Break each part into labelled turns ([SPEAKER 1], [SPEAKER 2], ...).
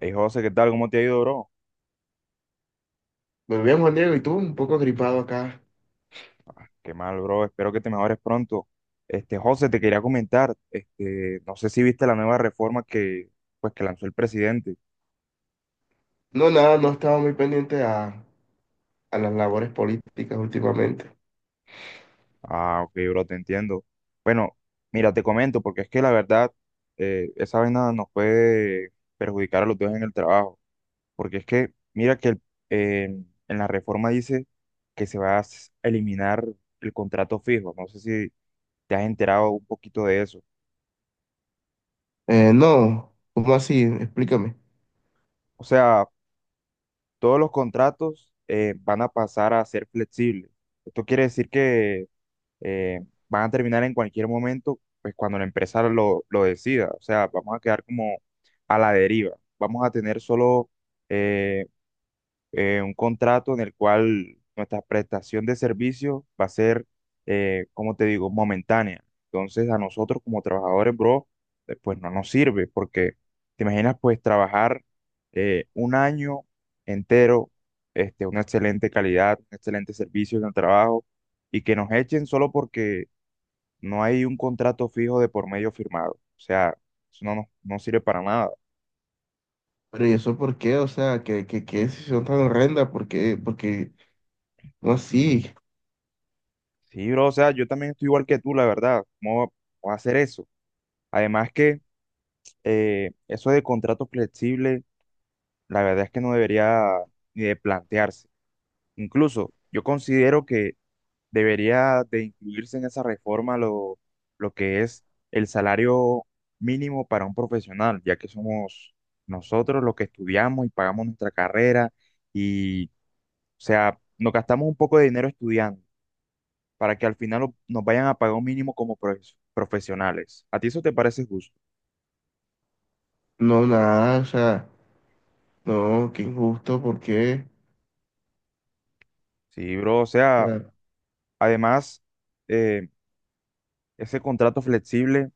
[SPEAKER 1] Hey José, ¿qué tal? ¿Cómo te ha ido, bro?
[SPEAKER 2] Muy bien, Juan Diego, y tú, un poco gripado acá.
[SPEAKER 1] Qué mal, bro. Espero que te mejores pronto. José, te quería comentar, no sé si viste la nueva reforma pues que lanzó el presidente.
[SPEAKER 2] No, nada, no he estado muy pendiente a las labores políticas últimamente.
[SPEAKER 1] Ah, ok, bro, te entiendo. Bueno, mira, te comento, porque es que la verdad, esa vaina nos puede perjudicar a los dos en el trabajo. Porque es que, mira que eh, en la reforma dice que se va a eliminar el contrato fijo. No sé si te has enterado un poquito de eso.
[SPEAKER 2] No, ¿cómo así? Explícame.
[SPEAKER 1] O sea, todos los contratos van a pasar a ser flexibles. Esto quiere decir que eh, van a terminar en cualquier momento, pues cuando la empresa lo decida. O sea, vamos a quedar como a la deriva. Vamos a tener solo eh, un contrato en el cual nuestra prestación de servicio va a ser, como te digo, momentánea. Entonces a nosotros como trabajadores, bro, pues no nos sirve porque te imaginas pues trabajar un año entero, una excelente calidad, un excelente servicio en el trabajo y que nos echen solo porque no hay un contrato fijo de por medio firmado. O sea, eso no sirve para nada.
[SPEAKER 2] Pero ¿y eso por qué? O sea, ¿qué decisión tan horrenda? ¿Por qué? Porque, no así,
[SPEAKER 1] Sí, bro, o sea, yo también estoy igual que tú, la verdad. ¿Cómo va a hacer eso? Además que eso de contrato flexible, la verdad es que no debería ni de plantearse. Incluso yo considero que debería de incluirse en esa reforma lo que es el salario mínimo para un profesional, ya que somos nosotros los que estudiamos y pagamos nuestra carrera y, o sea, nos gastamos un poco de dinero estudiando para que al final nos vayan a pagar un mínimo como profesionales. ¿A ti eso te parece justo?
[SPEAKER 2] no, nada, o sea, no, qué injusto, ¿por qué?
[SPEAKER 1] Sí, bro, o
[SPEAKER 2] O
[SPEAKER 1] sea.
[SPEAKER 2] sea,
[SPEAKER 1] Además, eh, ese contrato flexible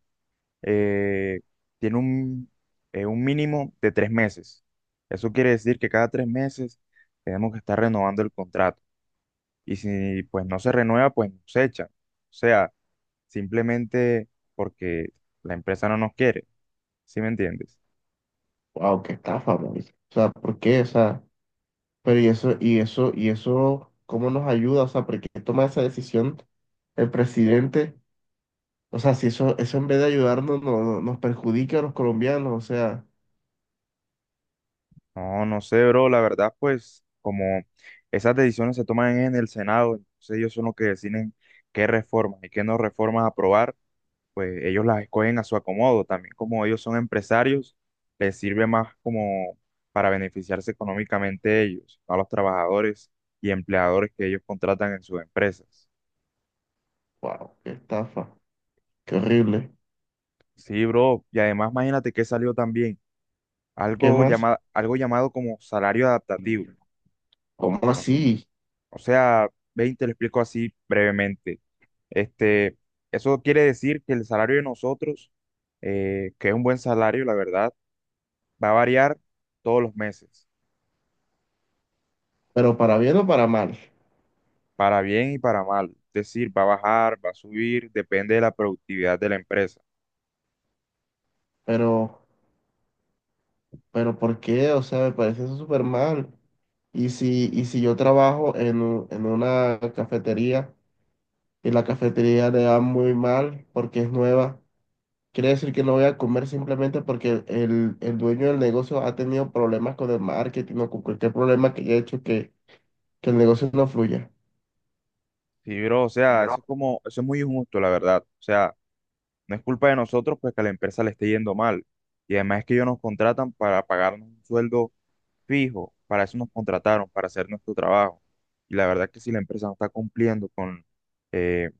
[SPEAKER 1] eh, tiene un mínimo de 3 meses. Eso quiere decir que cada 3 meses tenemos que estar renovando el contrato. Y si pues no se renueva, pues nos echan. O sea, simplemente porque la empresa no nos quiere. ¿Sí me entiendes?
[SPEAKER 2] wow, qué estafa, marica. O sea, ¿por qué? O sea, pero ¿y eso, cómo nos ayuda? O sea, ¿por qué toma esa decisión el presidente? O sea, si eso en vez de ayudarnos nos perjudica a los colombianos, o sea,
[SPEAKER 1] No, no sé, bro. La verdad, pues como esas decisiones se toman en el Senado, entonces ellos son los que deciden qué reformas y qué no reformas aprobar, pues ellos las escogen a su acomodo. También como ellos son empresarios, les sirve más como para beneficiarse económicamente ellos, no a los trabajadores y empleadores que ellos contratan en sus empresas.
[SPEAKER 2] wow, qué estafa, qué horrible.
[SPEAKER 1] Sí, bro. Y además imagínate que salió también
[SPEAKER 2] ¿Qué
[SPEAKER 1] algo
[SPEAKER 2] más?
[SPEAKER 1] llamado, algo llamado como salario adaptativo.
[SPEAKER 2] ¿Cómo
[SPEAKER 1] ¿No?
[SPEAKER 2] así?
[SPEAKER 1] O sea, veinte te lo explico así brevemente. Este, Eso quiere decir que el salario de nosotros, que es un buen salario, la verdad, va a variar todos los meses.
[SPEAKER 2] Pero para bien o para mal.
[SPEAKER 1] Para bien y para mal. Es decir, va a bajar, va a subir, depende de la productividad de la empresa.
[SPEAKER 2] Pero, pero ¿por qué? O sea, me parece eso súper mal. Y si yo trabajo en una cafetería y la cafetería le va muy mal porque es nueva, quiere decir que no voy a comer simplemente porque el dueño del negocio ha tenido problemas con el marketing o con cualquier problema que haya hecho que el negocio no fluya.
[SPEAKER 1] Sí, bro, o sea, eso
[SPEAKER 2] Pero,
[SPEAKER 1] es como, eso es muy injusto, la verdad. O sea, no es culpa de nosotros pues que a la empresa le esté yendo mal. Y además es que ellos nos contratan para pagarnos un sueldo fijo, para eso nos contrataron, para hacer nuestro trabajo. Y la verdad es que si la empresa no está cumpliendo eh,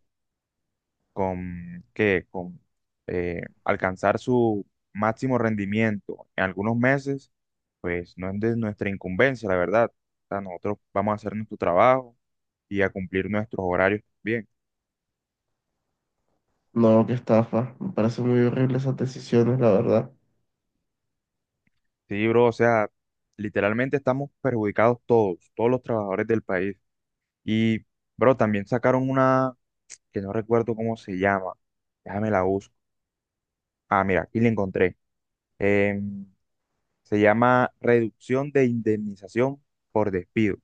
[SPEAKER 1] con alcanzar su máximo rendimiento en algunos meses, pues no es de nuestra incumbencia, la verdad. O sea, nosotros vamos a hacer nuestro trabajo y a cumplir nuestros horarios bien.
[SPEAKER 2] No, qué estafa. Me parecen muy horribles esas decisiones, la verdad.
[SPEAKER 1] Sí, bro, o sea, literalmente estamos perjudicados todos, todos los trabajadores del país. Y, bro, también sacaron una que no recuerdo cómo se llama. Déjame la busco. Ah, mira, aquí la encontré. Em, Se llama reducción de indemnización por despido.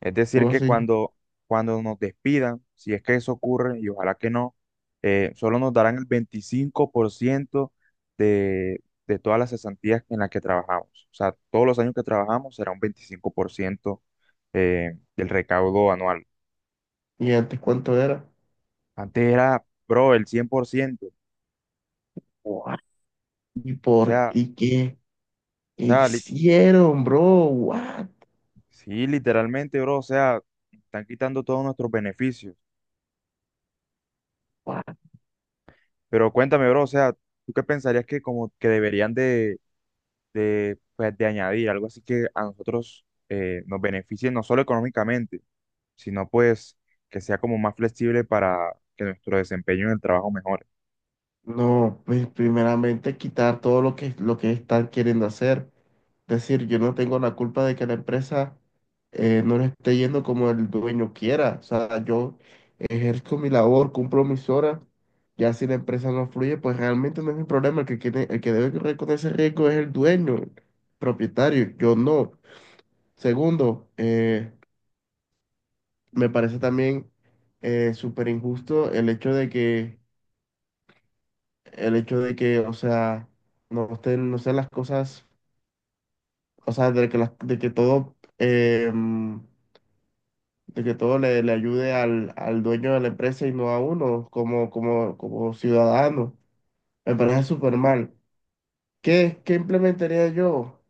[SPEAKER 1] Es decir,
[SPEAKER 2] ¿Cómo
[SPEAKER 1] que
[SPEAKER 2] así?
[SPEAKER 1] cuando nos despidan, si es que eso ocurre, y ojalá que no, solo nos darán el 25% de, de todas las cesantías en las que trabajamos. O sea, todos los años que trabajamos será un 25% del recaudo anual.
[SPEAKER 2] ¿Y antes cuánto era?
[SPEAKER 1] Antes era, bro, el 100%.
[SPEAKER 2] What? ¿Y
[SPEAKER 1] O
[SPEAKER 2] por
[SPEAKER 1] sea,
[SPEAKER 2] y qué?
[SPEAKER 1] o
[SPEAKER 2] ¿Qué
[SPEAKER 1] sea,
[SPEAKER 2] hicieron, bro? What?
[SPEAKER 1] sí, literalmente, bro, o sea, están quitando todos nuestros beneficios. Pero cuéntame, bro, o sea, ¿tú qué pensarías que como que deberían de pues de añadir algo así que a nosotros nos beneficie no solo económicamente, sino pues que sea como más flexible para que nuestro desempeño en el trabajo mejore?
[SPEAKER 2] No, pues primeramente quitar todo lo que están queriendo hacer. Es decir, yo no tengo la culpa de que la empresa no le esté yendo como el dueño quiera. O sea, yo ejerzo mi labor, cumplo mis horas. Ya si la empresa no fluye, pues realmente no es mi problema. El que tiene, el que debe correr con ese riesgo es el dueño, el propietario, yo no. Segundo, me parece también súper injusto el hecho de que, o sea, no estén, no sean las cosas, o sea, de que todo le ayude al dueño de la empresa y no a uno como ciudadano. Me parece súper mal. ¿Qué implementaría yo?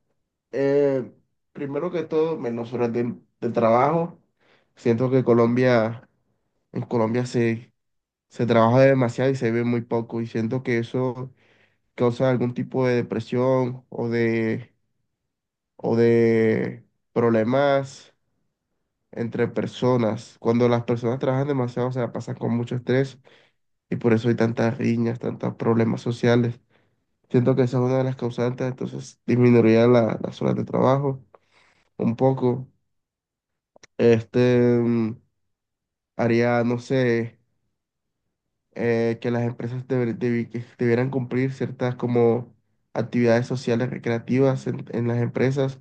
[SPEAKER 2] Eh, primero que todo, menos horas de trabajo. Siento que en Colombia se trabaja demasiado y se ve muy poco, y siento que eso causa algún tipo de depresión o de problemas entre personas. Cuando las personas trabajan demasiado, o sea, pasan con mucho estrés, y por eso hay tantas riñas, tantos problemas sociales. Siento que esa es una de las causantes, entonces disminuiría las horas de trabajo un poco. Este mm, haría, no sé, que las empresas deber- debi- que debieran cumplir ciertas como actividades sociales recreativas en las empresas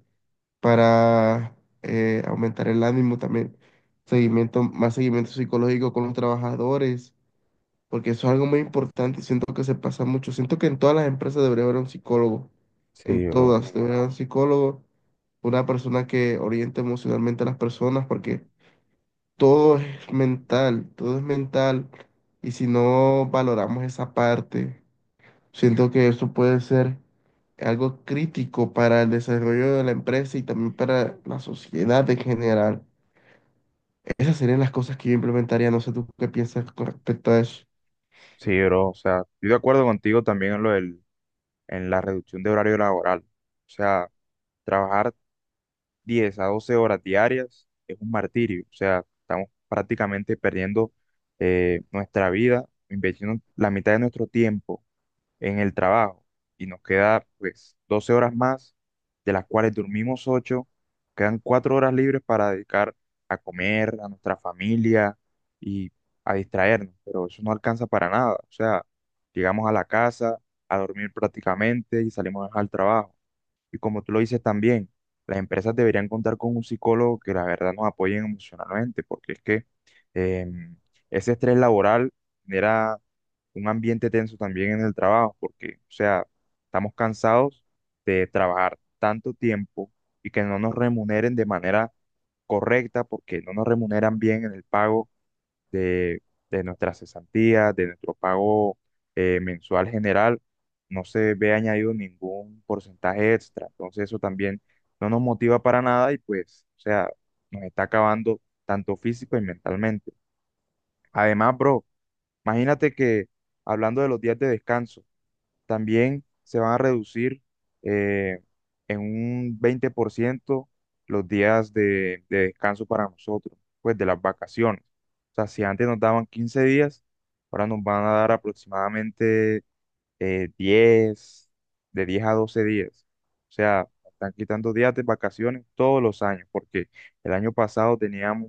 [SPEAKER 2] para aumentar el ánimo también, seguimiento, más seguimiento psicológico con los trabajadores, porque eso es algo muy importante y siento que se pasa mucho. Siento que en todas las empresas debería haber un psicólogo, en
[SPEAKER 1] Sí, bro.
[SPEAKER 2] todas debería haber un psicólogo, una persona que oriente emocionalmente a las personas, porque todo es mental, y si no valoramos esa parte. Siento que eso puede ser algo crítico para el desarrollo de la empresa y también para la sociedad en general. Esas serían las cosas que yo implementaría. No sé tú qué piensas con respecto a eso.
[SPEAKER 1] Sí, bro. O sea, estoy de acuerdo contigo también en en la reducción de horario laboral. O sea, trabajar 10 a 12 horas diarias es un martirio. O sea, estamos prácticamente perdiendo nuestra vida, invirtiendo la mitad de nuestro tiempo en el trabajo y nos queda pues 12 horas más, de las cuales dormimos ocho, quedan 4 horas libres para dedicar a comer, a nuestra familia y a distraernos, pero eso no alcanza para nada. O sea, llegamos a la casa a dormir prácticamente y salimos al trabajo. Y como tú lo dices también, las empresas deberían contar con un psicólogo que la verdad nos apoyen emocionalmente, porque es que em, ese estrés laboral genera un ambiente tenso también en el trabajo, porque, o sea, estamos cansados de trabajar tanto tiempo y que no nos remuneren de manera correcta, porque no nos remuneran bien en el pago de, de nuestra cesantía, de nuestro pago mensual general, no se ve añadido ningún porcentaje extra. Entonces eso también no nos motiva para nada y pues, o sea, nos está acabando tanto físico y mentalmente. Además, bro, imagínate que hablando de los días de descanso, también se van a reducir eh, en un 20% los días de descanso para nosotros, pues de las vacaciones. O sea, si antes nos daban 15 días, ahora nos van a dar aproximadamente 10, de 10 a 12 días. O sea, están quitando días de vacaciones todos los años, porque el año pasado teníamos,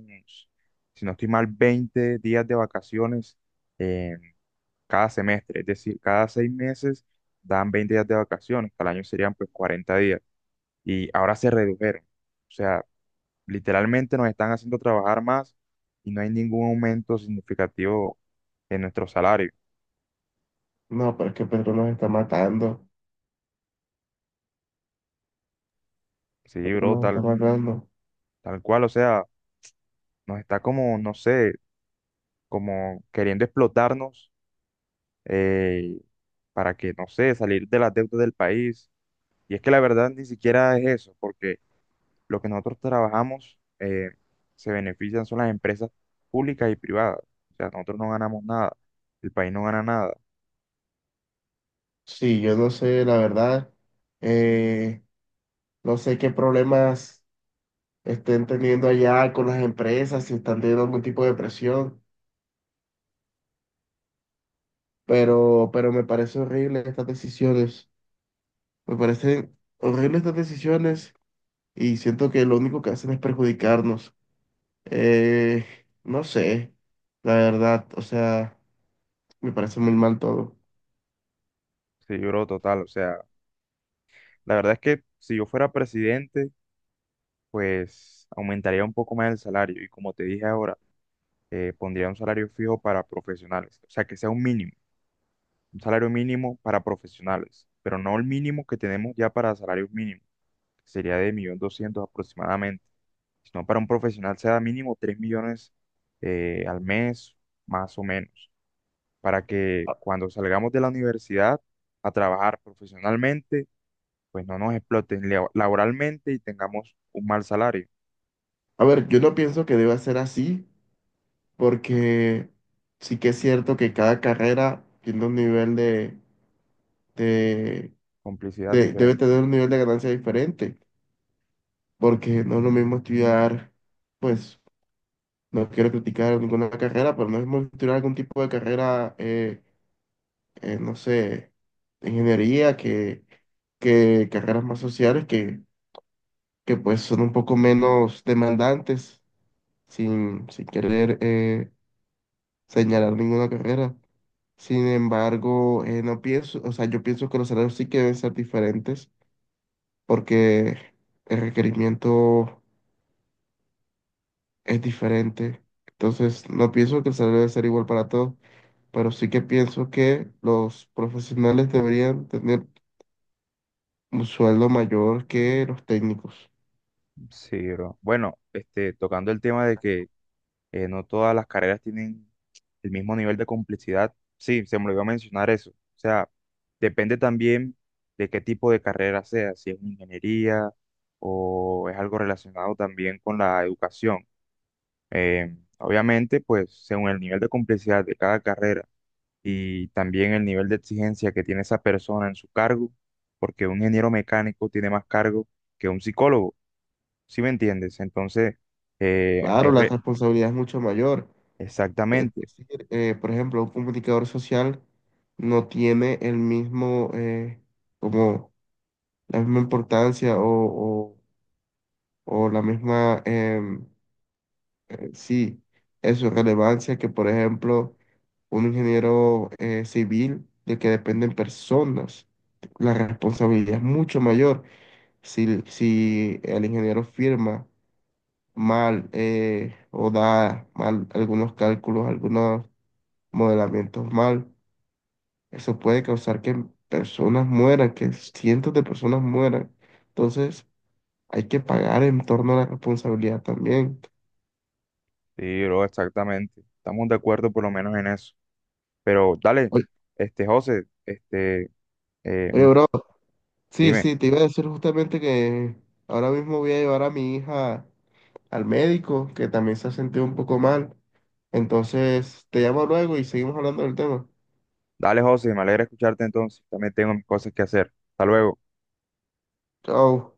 [SPEAKER 1] si no estoy mal, 20 días de vacaciones. eh, cada semestre, es decir, cada 6 meses dan 20 días de vacaciones, al año serían pues 40 días y ahora se redujeron. O sea, literalmente nos están haciendo trabajar más y no hay ningún aumento significativo en nuestro salario.
[SPEAKER 2] No, pero es que Pedro nos está matando.
[SPEAKER 1] Sí,
[SPEAKER 2] Pedro
[SPEAKER 1] bro,
[SPEAKER 2] nos está
[SPEAKER 1] tal,
[SPEAKER 2] matando.
[SPEAKER 1] tal cual, o sea, nos está como, no sé, como queriendo explotarnos eh, para que, no sé, salir de las deudas del país. Y es que la verdad ni siquiera es eso, porque lo que nosotros trabajamos se benefician son las empresas públicas y privadas. O sea, nosotros no ganamos nada, el país no gana nada.
[SPEAKER 2] Sí, yo no sé, la verdad. eh, no sé qué problemas estén teniendo allá con las empresas, si están teniendo algún tipo de presión, pero me parece horrible estas decisiones. Me parecen horribles estas decisiones y siento que lo único que hacen es perjudicarnos. Eh, no sé, la verdad, o sea, me parece muy mal todo.
[SPEAKER 1] Sí, bro, total. O sea, la verdad es que si yo fuera presidente, pues aumentaría un poco más el salario. Y como te dije ahora, pondría un salario fijo para profesionales. O sea, que sea un mínimo, un salario mínimo para profesionales, pero no el mínimo que tenemos ya para salarios mínimos, que sería de 1.200.000 aproximadamente, sino para un profesional sea mínimo 3 millones al mes, más o menos, para que
[SPEAKER 2] A
[SPEAKER 1] cuando salgamos de la universidad a trabajar profesionalmente, pues no nos exploten laboralmente y tengamos un mal salario.
[SPEAKER 2] a ver, yo no pienso que deba ser así, porque sí que es cierto que cada carrera tiene un nivel de,
[SPEAKER 1] Complicidad
[SPEAKER 2] debe
[SPEAKER 1] diferente.
[SPEAKER 2] tener un nivel de ganancia diferente, porque no es lo mismo estudiar, pues, no quiero criticar ninguna carrera, pero no es lo mismo estudiar algún tipo de carrera no sé, de ingeniería, que carreras más sociales que pues son un poco menos demandantes, sin querer señalar ninguna carrera. Sin embargo, no pienso, o sea, yo pienso que los salarios sí que deben ser diferentes porque el requerimiento es diferente. Entonces, no pienso que el salario debe ser igual para todos, pero sí que pienso que los profesionales deberían tener un sueldo mayor que los técnicos.
[SPEAKER 1] Sí, bro. Bueno, tocando el tema de que no todas las carreras tienen el mismo nivel de complejidad. Sí, se me olvidó mencionar eso. O sea, depende también de qué tipo de carrera sea, si es una ingeniería o es algo relacionado también con la educación. Obviamente, pues según el nivel de complejidad de cada carrera y también el nivel de exigencia que tiene esa persona en su cargo, porque un ingeniero mecánico tiene más cargo que un psicólogo, ¿sí me entiendes? Entonces, hay
[SPEAKER 2] Claro, la responsabilidad es mucho mayor. Es
[SPEAKER 1] exactamente.
[SPEAKER 2] decir, por ejemplo, un comunicador social no tiene el mismo, como la misma importancia o la misma, sí, eso, relevancia que, por ejemplo, un ingeniero civil de que dependen personas. La responsabilidad es mucho mayor. Si el ingeniero firma mal, o da mal algunos cálculos, algunos modelamientos mal. Eso puede causar que personas mueran, que cientos de personas mueran. Entonces, hay que pagar en torno a la responsabilidad también.
[SPEAKER 1] Sí, bro, exactamente. Estamos de acuerdo por lo menos en eso. Pero dale,
[SPEAKER 2] Oye,
[SPEAKER 1] José, eh,
[SPEAKER 2] oye,
[SPEAKER 1] mo-
[SPEAKER 2] bro, sí,
[SPEAKER 1] dime,
[SPEAKER 2] sí, te iba a decir justamente que ahora mismo voy a llevar a mi hija al médico, que también se ha sentido un poco mal. Entonces, te llamo luego y seguimos hablando del tema.
[SPEAKER 1] dale José, me alegra escucharte entonces. También tengo mis cosas que hacer. Hasta luego.
[SPEAKER 2] Chao.